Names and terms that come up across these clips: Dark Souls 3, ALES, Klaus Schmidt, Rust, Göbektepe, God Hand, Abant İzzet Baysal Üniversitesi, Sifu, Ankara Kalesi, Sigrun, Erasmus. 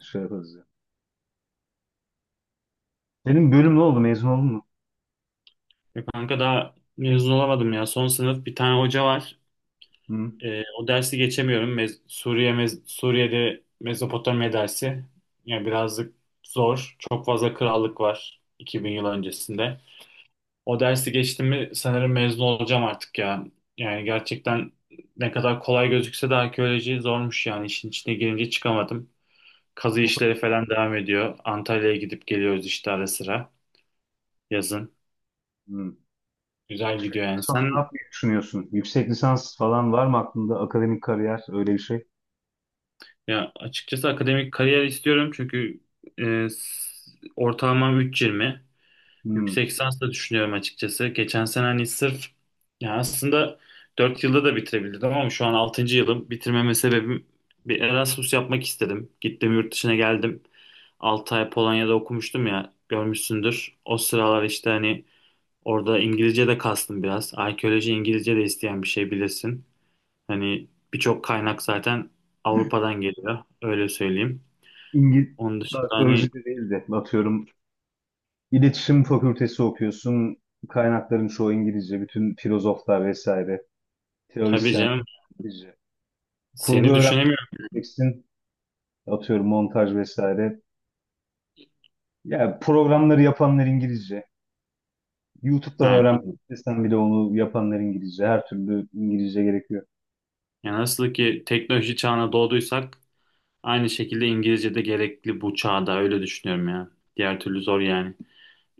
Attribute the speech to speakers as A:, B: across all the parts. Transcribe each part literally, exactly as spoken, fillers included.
A: Şey yaparız ya. Senin bölüm ne oldu? Mezun oldun mu?
B: Ya kanka daha mezun olamadım ya. Son sınıf bir tane hoca var.
A: Hı?
B: Ee, o dersi geçemiyorum. Mez- Suriye mez- Suriye'de Mezopotamya dersi. Yani birazcık zor. Çok fazla krallık var iki bin yıl öncesinde. O dersi geçtim mi sanırım mezun olacağım artık ya. Yani gerçekten ne kadar kolay gözükse de arkeoloji zormuş yani. İşin içine girince çıkamadım. Kazı
A: Hiç bu kadar.
B: işleri falan devam ediyor. Antalya'ya gidip geliyoruz işte ara sıra yazın.
A: Hı. E,
B: Güzel gidiyor
A: şeyden
B: yani.
A: sonra ne
B: Sen?
A: yapmayı düşünüyorsun? Yüksek lisans falan var mı aklında? Akademik kariyer öyle bir şey.
B: Ya açıkçası akademik kariyer istiyorum çünkü e, s- ortalamam üç virgül yirmi.
A: Hı.
B: Yüksek lisans da düşünüyorum açıkçası. Geçen sene hani sırf ya aslında dört yılda da bitirebilirdim ama şu an altıncı yılım. Bitirmeme sebebim bir Erasmus yapmak istedim. Gittim yurt dışına geldim. altı ay Polonya'da okumuştum ya görmüşsündür. O sıralar işte hani orada İngilizce de kastım biraz. Arkeoloji İngilizce de isteyen bir şey bilirsin. Hani birçok kaynak zaten Avrupa'dan geliyor. Öyle söyleyeyim.
A: İngiliz
B: Onun dışında hani
A: arkeoloji de değil de atıyorum iletişim fakültesi okuyorsun. Kaynakların çoğu İngilizce. Bütün filozoflar vesaire.
B: tabii
A: Teorisyenler
B: canım
A: İngilizce. Kurgu
B: seni
A: öğrenmek
B: düşünemiyorum.
A: isteyeceksin. Atıyorum montaj vesaire. Yani programları yapanlar İngilizce. YouTube'dan
B: Yani,
A: öğrenmek istesen bile onu yapanlar İngilizce. Her türlü İngilizce gerekiyor.
B: yani nasıl ki teknoloji çağına doğduysak aynı şekilde İngilizce de gerekli bu çağda. Öyle düşünüyorum ya. Diğer türlü zor yani.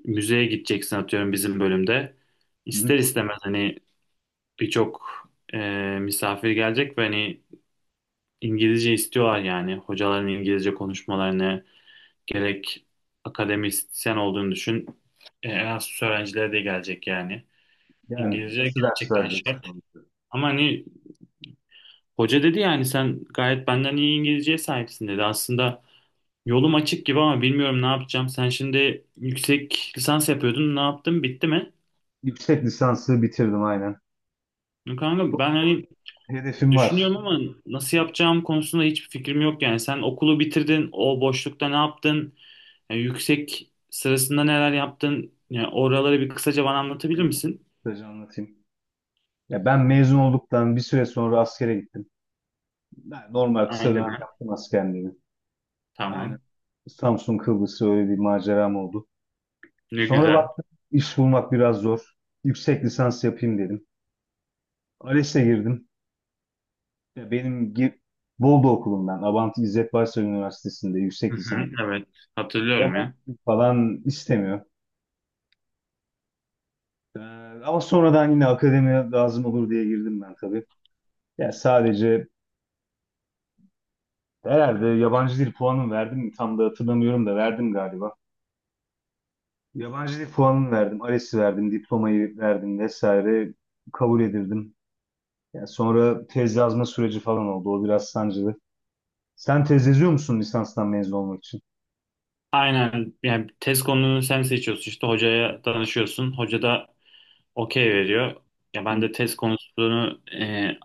B: Müzeye gideceksin atıyorum bizim bölümde.
A: Hı-hı.
B: İster istemez hani birçok e, misafir gelecek ve hani İngilizce istiyorlar yani. Hocaların İngilizce konuşmalarını gerek akademisyen olduğunu düşün. E, Erasmus öğrencilere de gelecek yani.
A: Yani
B: İngilizce
A: nasıl ders
B: gerçekten
A: vereceksin?
B: şart.
A: Onu?
B: Ama hani hoca dedi yani sen gayet benden iyi İngilizceye sahipsin dedi. Aslında yolum açık gibi ama bilmiyorum ne yapacağım. Sen şimdi yüksek lisans yapıyordun. Ne yaptın? Bitti mi?
A: Yüksek lisansı bitirdim aynen.
B: Kanka ben
A: Doktora
B: hani
A: hedefim var.
B: düşünüyorum ama nasıl yapacağım konusunda hiçbir fikrim yok yani. Sen okulu bitirdin. O boşlukta ne yaptın? Yani yüksek sırasında neler yaptın? Yani oraları bir kısaca bana anlatabilir
A: Öyle.
B: misin?
A: Kısaca anlatayım. Ya ben mezun olduktan bir süre sonra askere gittim. Ben normal kısa
B: Aynı
A: dönem
B: ben.
A: yaptım askerliğimi. Aynen.
B: Tamam.
A: Samsun Kıbrıs öyle bir maceram oldu.
B: Ne
A: Sonra
B: güzel.
A: baktım iş bulmak biraz zor. Yüksek lisans yapayım dedim. A L E S'e girdim. Ya benim gi- Bolu okulumdan, Abant İzzet Baysal Üniversitesi'nde
B: Hı
A: yüksek
B: hı,
A: lisans.
B: evet, hatırlıyorum
A: Yabancı
B: ya.
A: dil falan istemiyor. Ee, Ama sonradan yine akademiye lazım olur diye girdim ben tabii. Ya sadece herhalde yabancı dil puanım verdim mi? Tam da hatırlamıyorum da verdim galiba. Yabancı dil puanını verdim, A L E S'i verdim, diplomayı verdim vesaire kabul edildim. Ya sonra tez yazma süreci falan oldu. O biraz sancılı. Sen tez yazıyor musun lisanstan mezun olmak için?
B: Aynen yani test konunu sen seçiyorsun işte hocaya danışıyorsun. Hoca da okey veriyor. Ya ben
A: Hı,
B: de test konusunu e,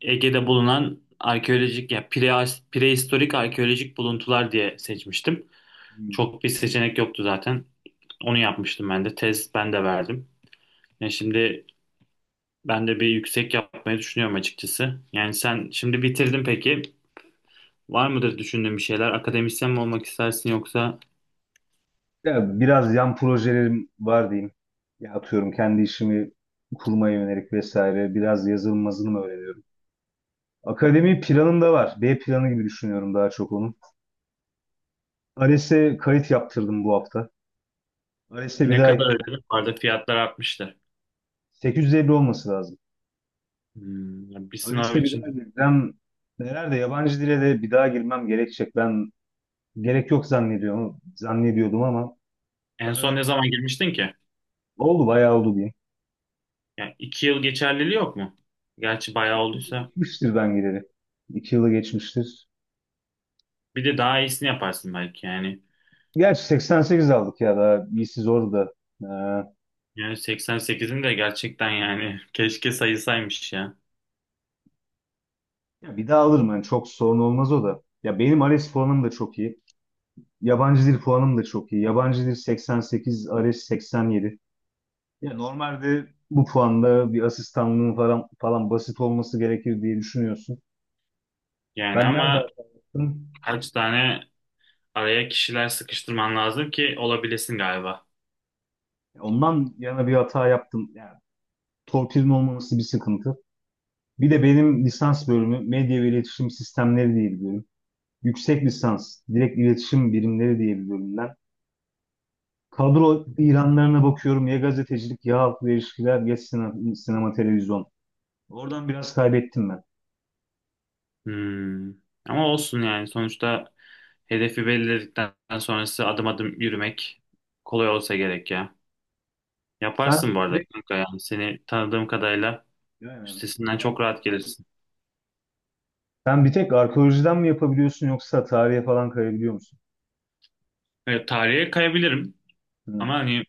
B: Ege'de bulunan arkeolojik ya pre, prehistorik arkeolojik buluntular diye seçmiştim.
A: hı.
B: Çok bir seçenek yoktu zaten. Onu yapmıştım ben de. Tez ben de verdim. Ya şimdi ben de bir yüksek yapmayı düşünüyorum açıkçası. Yani sen şimdi bitirdin peki. Var mıdır düşündüğün bir şeyler? Akademisyen mi olmak istersin yoksa...
A: Ya biraz yan projelerim var diyeyim. Ya atıyorum kendi işimi kurmaya yönelik vesaire. Biraz yazılım mı öğreniyorum. Akademi planım da var. B planı gibi düşünüyorum daha çok onu. A L E S'e kayıt yaptırdım bu hafta. A L E S'e bir
B: Ne
A: daha
B: kadar
A: gireceğim.
B: ödedim? Vardı, fiyatlar artmıştır.
A: sekiz yüz elli olması lazım.
B: Hmm, ya bir sınav
A: A L E S'e bir daha
B: için
A: gireceğim. Nerede yabancı dile de bir daha girmem gerekecek. Ben gerek yok zannediyorum. Zannediyordum ama
B: en son
A: daha
B: ne zaman girmiştin ki?
A: oldu, bayağı oldu diyeyim.
B: Yani iki yıl geçerliliği yok mu? Gerçi bayağı olduysa.
A: Geçmiştir ben gireli. İki yılı geçmiştir.
B: Bir de daha iyisini yaparsın belki yani.
A: Gerçi seksen sekiz aldık ya daha iyisi zor da. Ee,
B: Yani seksen sekizin de gerçekten yani keşke sayısaymış ya.
A: Ya bir daha alırım yani çok sorun olmaz o da. Ya benim A L E S puanım da çok iyi. Yabancı dil puanım da çok iyi. Yabancı dil seksen sekiz, A L E S seksen yedi. Ya normalde bu puanda bir asistanlığın falan falan basit olması gerekir diye düşünüyorsun.
B: Yani
A: Ben nerede
B: ama
A: hata yaptım?
B: kaç tane araya kişiler sıkıştırman lazım ki olabilesin galiba.
A: Ondan yana bir hata yaptım. Yani torpilin olmaması bir sıkıntı. Bir de benim lisans bölümü medya ve iletişim sistemleri diye bir bölüm, yüksek lisans direkt iletişim birimleri diye bir bölümden. Kadro ilanlarına bakıyorum. Ya gazetecilik ya halkla ilişkiler ya sinema, sinema televizyon. Oradan biraz kaybettim ben.
B: Hmm. Ama olsun yani sonuçta hedefi belirledikten sonrası adım adım yürümek kolay olsa gerek ya.
A: Sen
B: Yaparsın bu arada
A: direkt
B: kanka, yani seni tanıdığım kadarıyla
A: yani,
B: üstesinden çok rahat gelirsin.
A: Sen bir tek arkeolojiden mi yapabiliyorsun yoksa tarihe falan kayabiliyor musun?
B: Evet, tarihe kayabilirim ama
A: Hı.
B: hani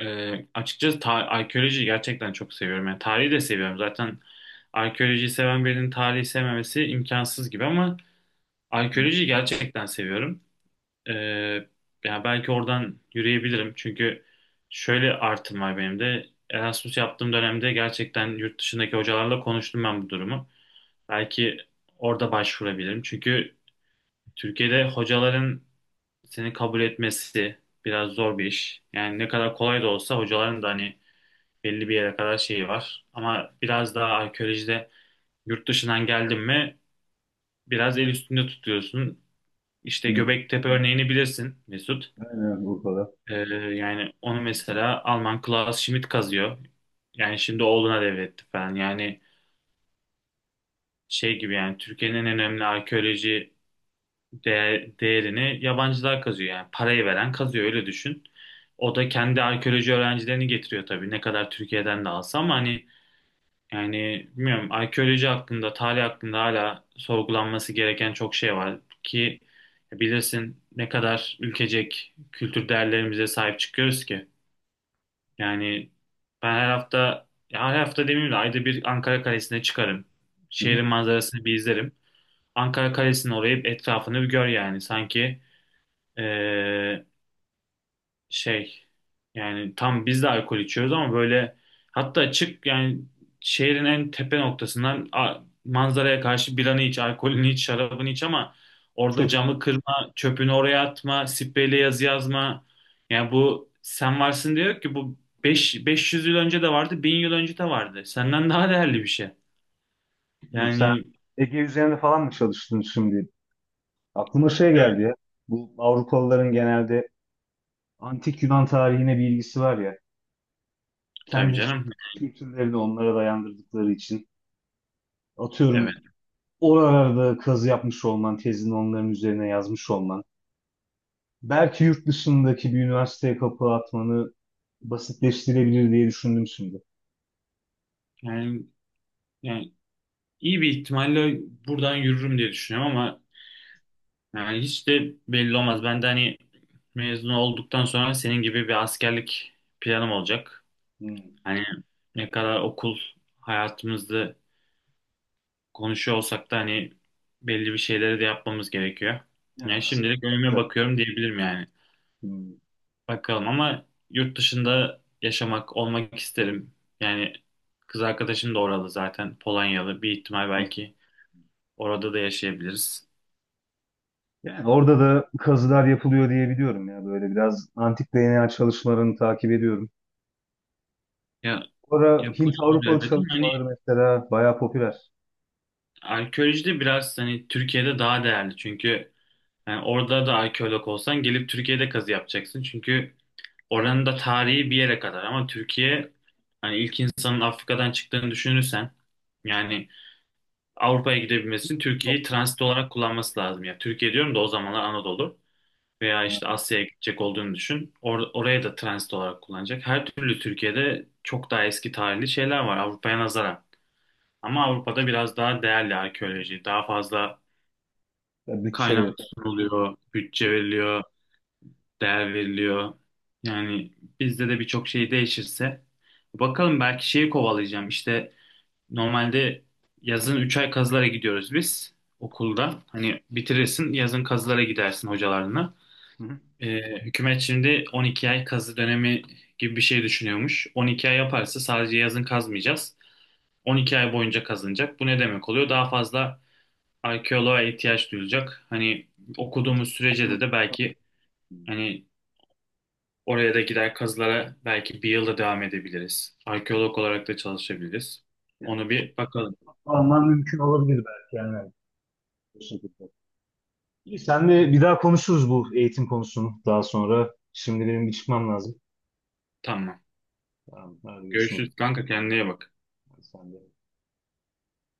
B: e, açıkçası ta- arkeoloji gerçekten çok seviyorum. Yani tarihi de seviyorum. Zaten arkeolojiyi seven birinin tarihi sevmemesi imkansız gibi ama arkeolojiyi gerçekten seviyorum. E, Yani belki oradan yürüyebilirim çünkü şöyle artım var benim de. Erasmus yaptığım dönemde gerçekten yurt dışındaki hocalarla konuştum ben bu durumu. Belki orada başvurabilirim. Çünkü Türkiye'de hocaların seni kabul etmesi biraz zor bir iş. Yani ne kadar kolay da olsa hocaların da hani belli bir yere kadar şeyi var. Ama biraz daha arkeolojide yurt dışından geldin mi biraz el üstünde tutuyorsun. İşte
A: Hı.
B: Göbektepe örneğini bilirsin Mesut.
A: Aynen Urfa'da.
B: Ee, Yani onu mesela Alman Klaus Schmidt kazıyor. Yani şimdi oğluna devretti falan. Yani şey gibi yani Türkiye'nin en önemli arkeoloji değer, değerini yabancılar kazıyor, yani parayı veren kazıyor öyle düşün. O da kendi arkeoloji öğrencilerini getiriyor tabii ne kadar Türkiye'den de alsa ama hani yani bilmiyorum arkeoloji hakkında tarih hakkında hala sorgulanması gereken çok şey var ki bilirsin ne kadar ülkecek kültür değerlerimize sahip çıkıyoruz ki. Yani ben her hafta ya her hafta demeyeyim de ayda bir Ankara Kalesi'ne çıkarım.
A: Hı hı.
B: Şehrin manzarasını bir izlerim. Ankara Kalesi'nin orayı, etrafını bir gör yani sanki ee, şey yani tam biz de alkol içiyoruz ama böyle hatta açık yani şehrin en tepe noktasından a- manzaraya karşı biranı iç, alkolünü iç, şarabını iç ama orada
A: Çöp.
B: camı kırma, çöpünü oraya atma, spreyle yazı yazma. Yani bu, sen varsın diyor ki bu beş beş yüz yıl önce de vardı, bin yıl önce de vardı. Senden daha değerli bir şey.
A: Dur sen,
B: Yani,
A: Ege üzerinde falan mı çalıştın şimdi? Aklıma şey geldi
B: evet,
A: ya. Bu Avrupalıların genelde antik Yunan tarihine bir ilgisi var ya.
B: tabii
A: Kendi
B: canım.
A: kültürlerini onlara dayandırdıkları için.
B: Evet.
A: Atıyorum oralarda kazı yapmış olman, tezini onların üzerine yazmış olman, belki yurt dışındaki bir üniversiteye kapı atmanı basitleştirebilir diye düşündüm şimdi.
B: Yani yani iyi bir ihtimalle buradan yürürüm diye düşünüyorum ama yani hiç de belli olmaz. Ben de hani mezun olduktan sonra senin gibi bir askerlik planım olacak.
A: Hmm.
B: Hani ne kadar okul hayatımızda konuşuyor olsak da hani belli bir şeyleri de yapmamız gerekiyor.
A: Yani
B: Yani
A: aslında
B: şimdilik
A: bir
B: önüme
A: dakika.
B: bakıyorum diyebilirim yani.
A: Hmm.
B: Bakalım ama yurt dışında yaşamak, olmak isterim. Yani kız arkadaşım da oralı zaten. Polonyalı. Bir ihtimal belki orada da yaşayabiliriz.
A: Yani orada da kazılar yapılıyor diye biliyorum ya, böyle biraz antik D N A çalışmalarını takip ediyorum.
B: Ya
A: Sonra Hint
B: yapılıyor
A: Avrupalı
B: elbette ama hani
A: çalışmaları mesela bayağı popüler.
B: arkeolojide biraz hani Türkiye'de daha değerli çünkü yani orada da arkeolog olsan gelip Türkiye'de kazı yapacaksın çünkü oranın da tarihi bir yere kadar ama Türkiye hani ilk insanın Afrika'dan çıktığını düşünürsen yani Avrupa'ya gidebilmesi için
A: Çok.
B: Türkiye'yi transit olarak kullanması lazım. Ya Türkiye diyorum da o zamanlar Anadolu veya
A: Ha.
B: işte Asya'ya gidecek olduğunu düşün. Or- oraya da transit olarak kullanacak. Her türlü Türkiye'de çok daha eski tarihli şeyler var Avrupa'ya nazaran. Ama Avrupa'da biraz daha değerli arkeoloji, daha fazla kaynak
A: Bütçeleri.
B: sunuluyor, bütçe veriliyor, değer veriliyor. Yani bizde de birçok şey değişirse bakalım belki şeyi kovalayacağım. İşte normalde yazın üç ay kazılara gidiyoruz biz okulda. Hani bitirirsin yazın kazılara gidersin hocalarına.
A: Hı hı.
B: Ee, hükümet şimdi on iki ay kazı dönemi gibi bir şey düşünüyormuş. on iki ay yaparsa sadece yazın kazmayacağız. on iki ay boyunca kazınacak. Bu ne demek oluyor? Daha fazla arkeoloğa ihtiyaç duyulacak. Hani okuduğumuz sürece de de belki
A: Hı.
B: hani oraya da gider kazılara belki bir yılda devam edebiliriz. Arkeolog olarak da çalışabiliriz.
A: Yani,
B: Onu bir bakalım.
A: Alman mümkün olabilir belki yani. Bu şekilde. İyi, senle bir daha konuşuruz bu eğitim konusunu daha sonra. Şimdi benim bir çıkmam lazım.
B: Tamam.
A: Tamam, hadi görüşmek üzere.
B: Görüşürüz kanka, kendine iyi bak.
A: Sen de.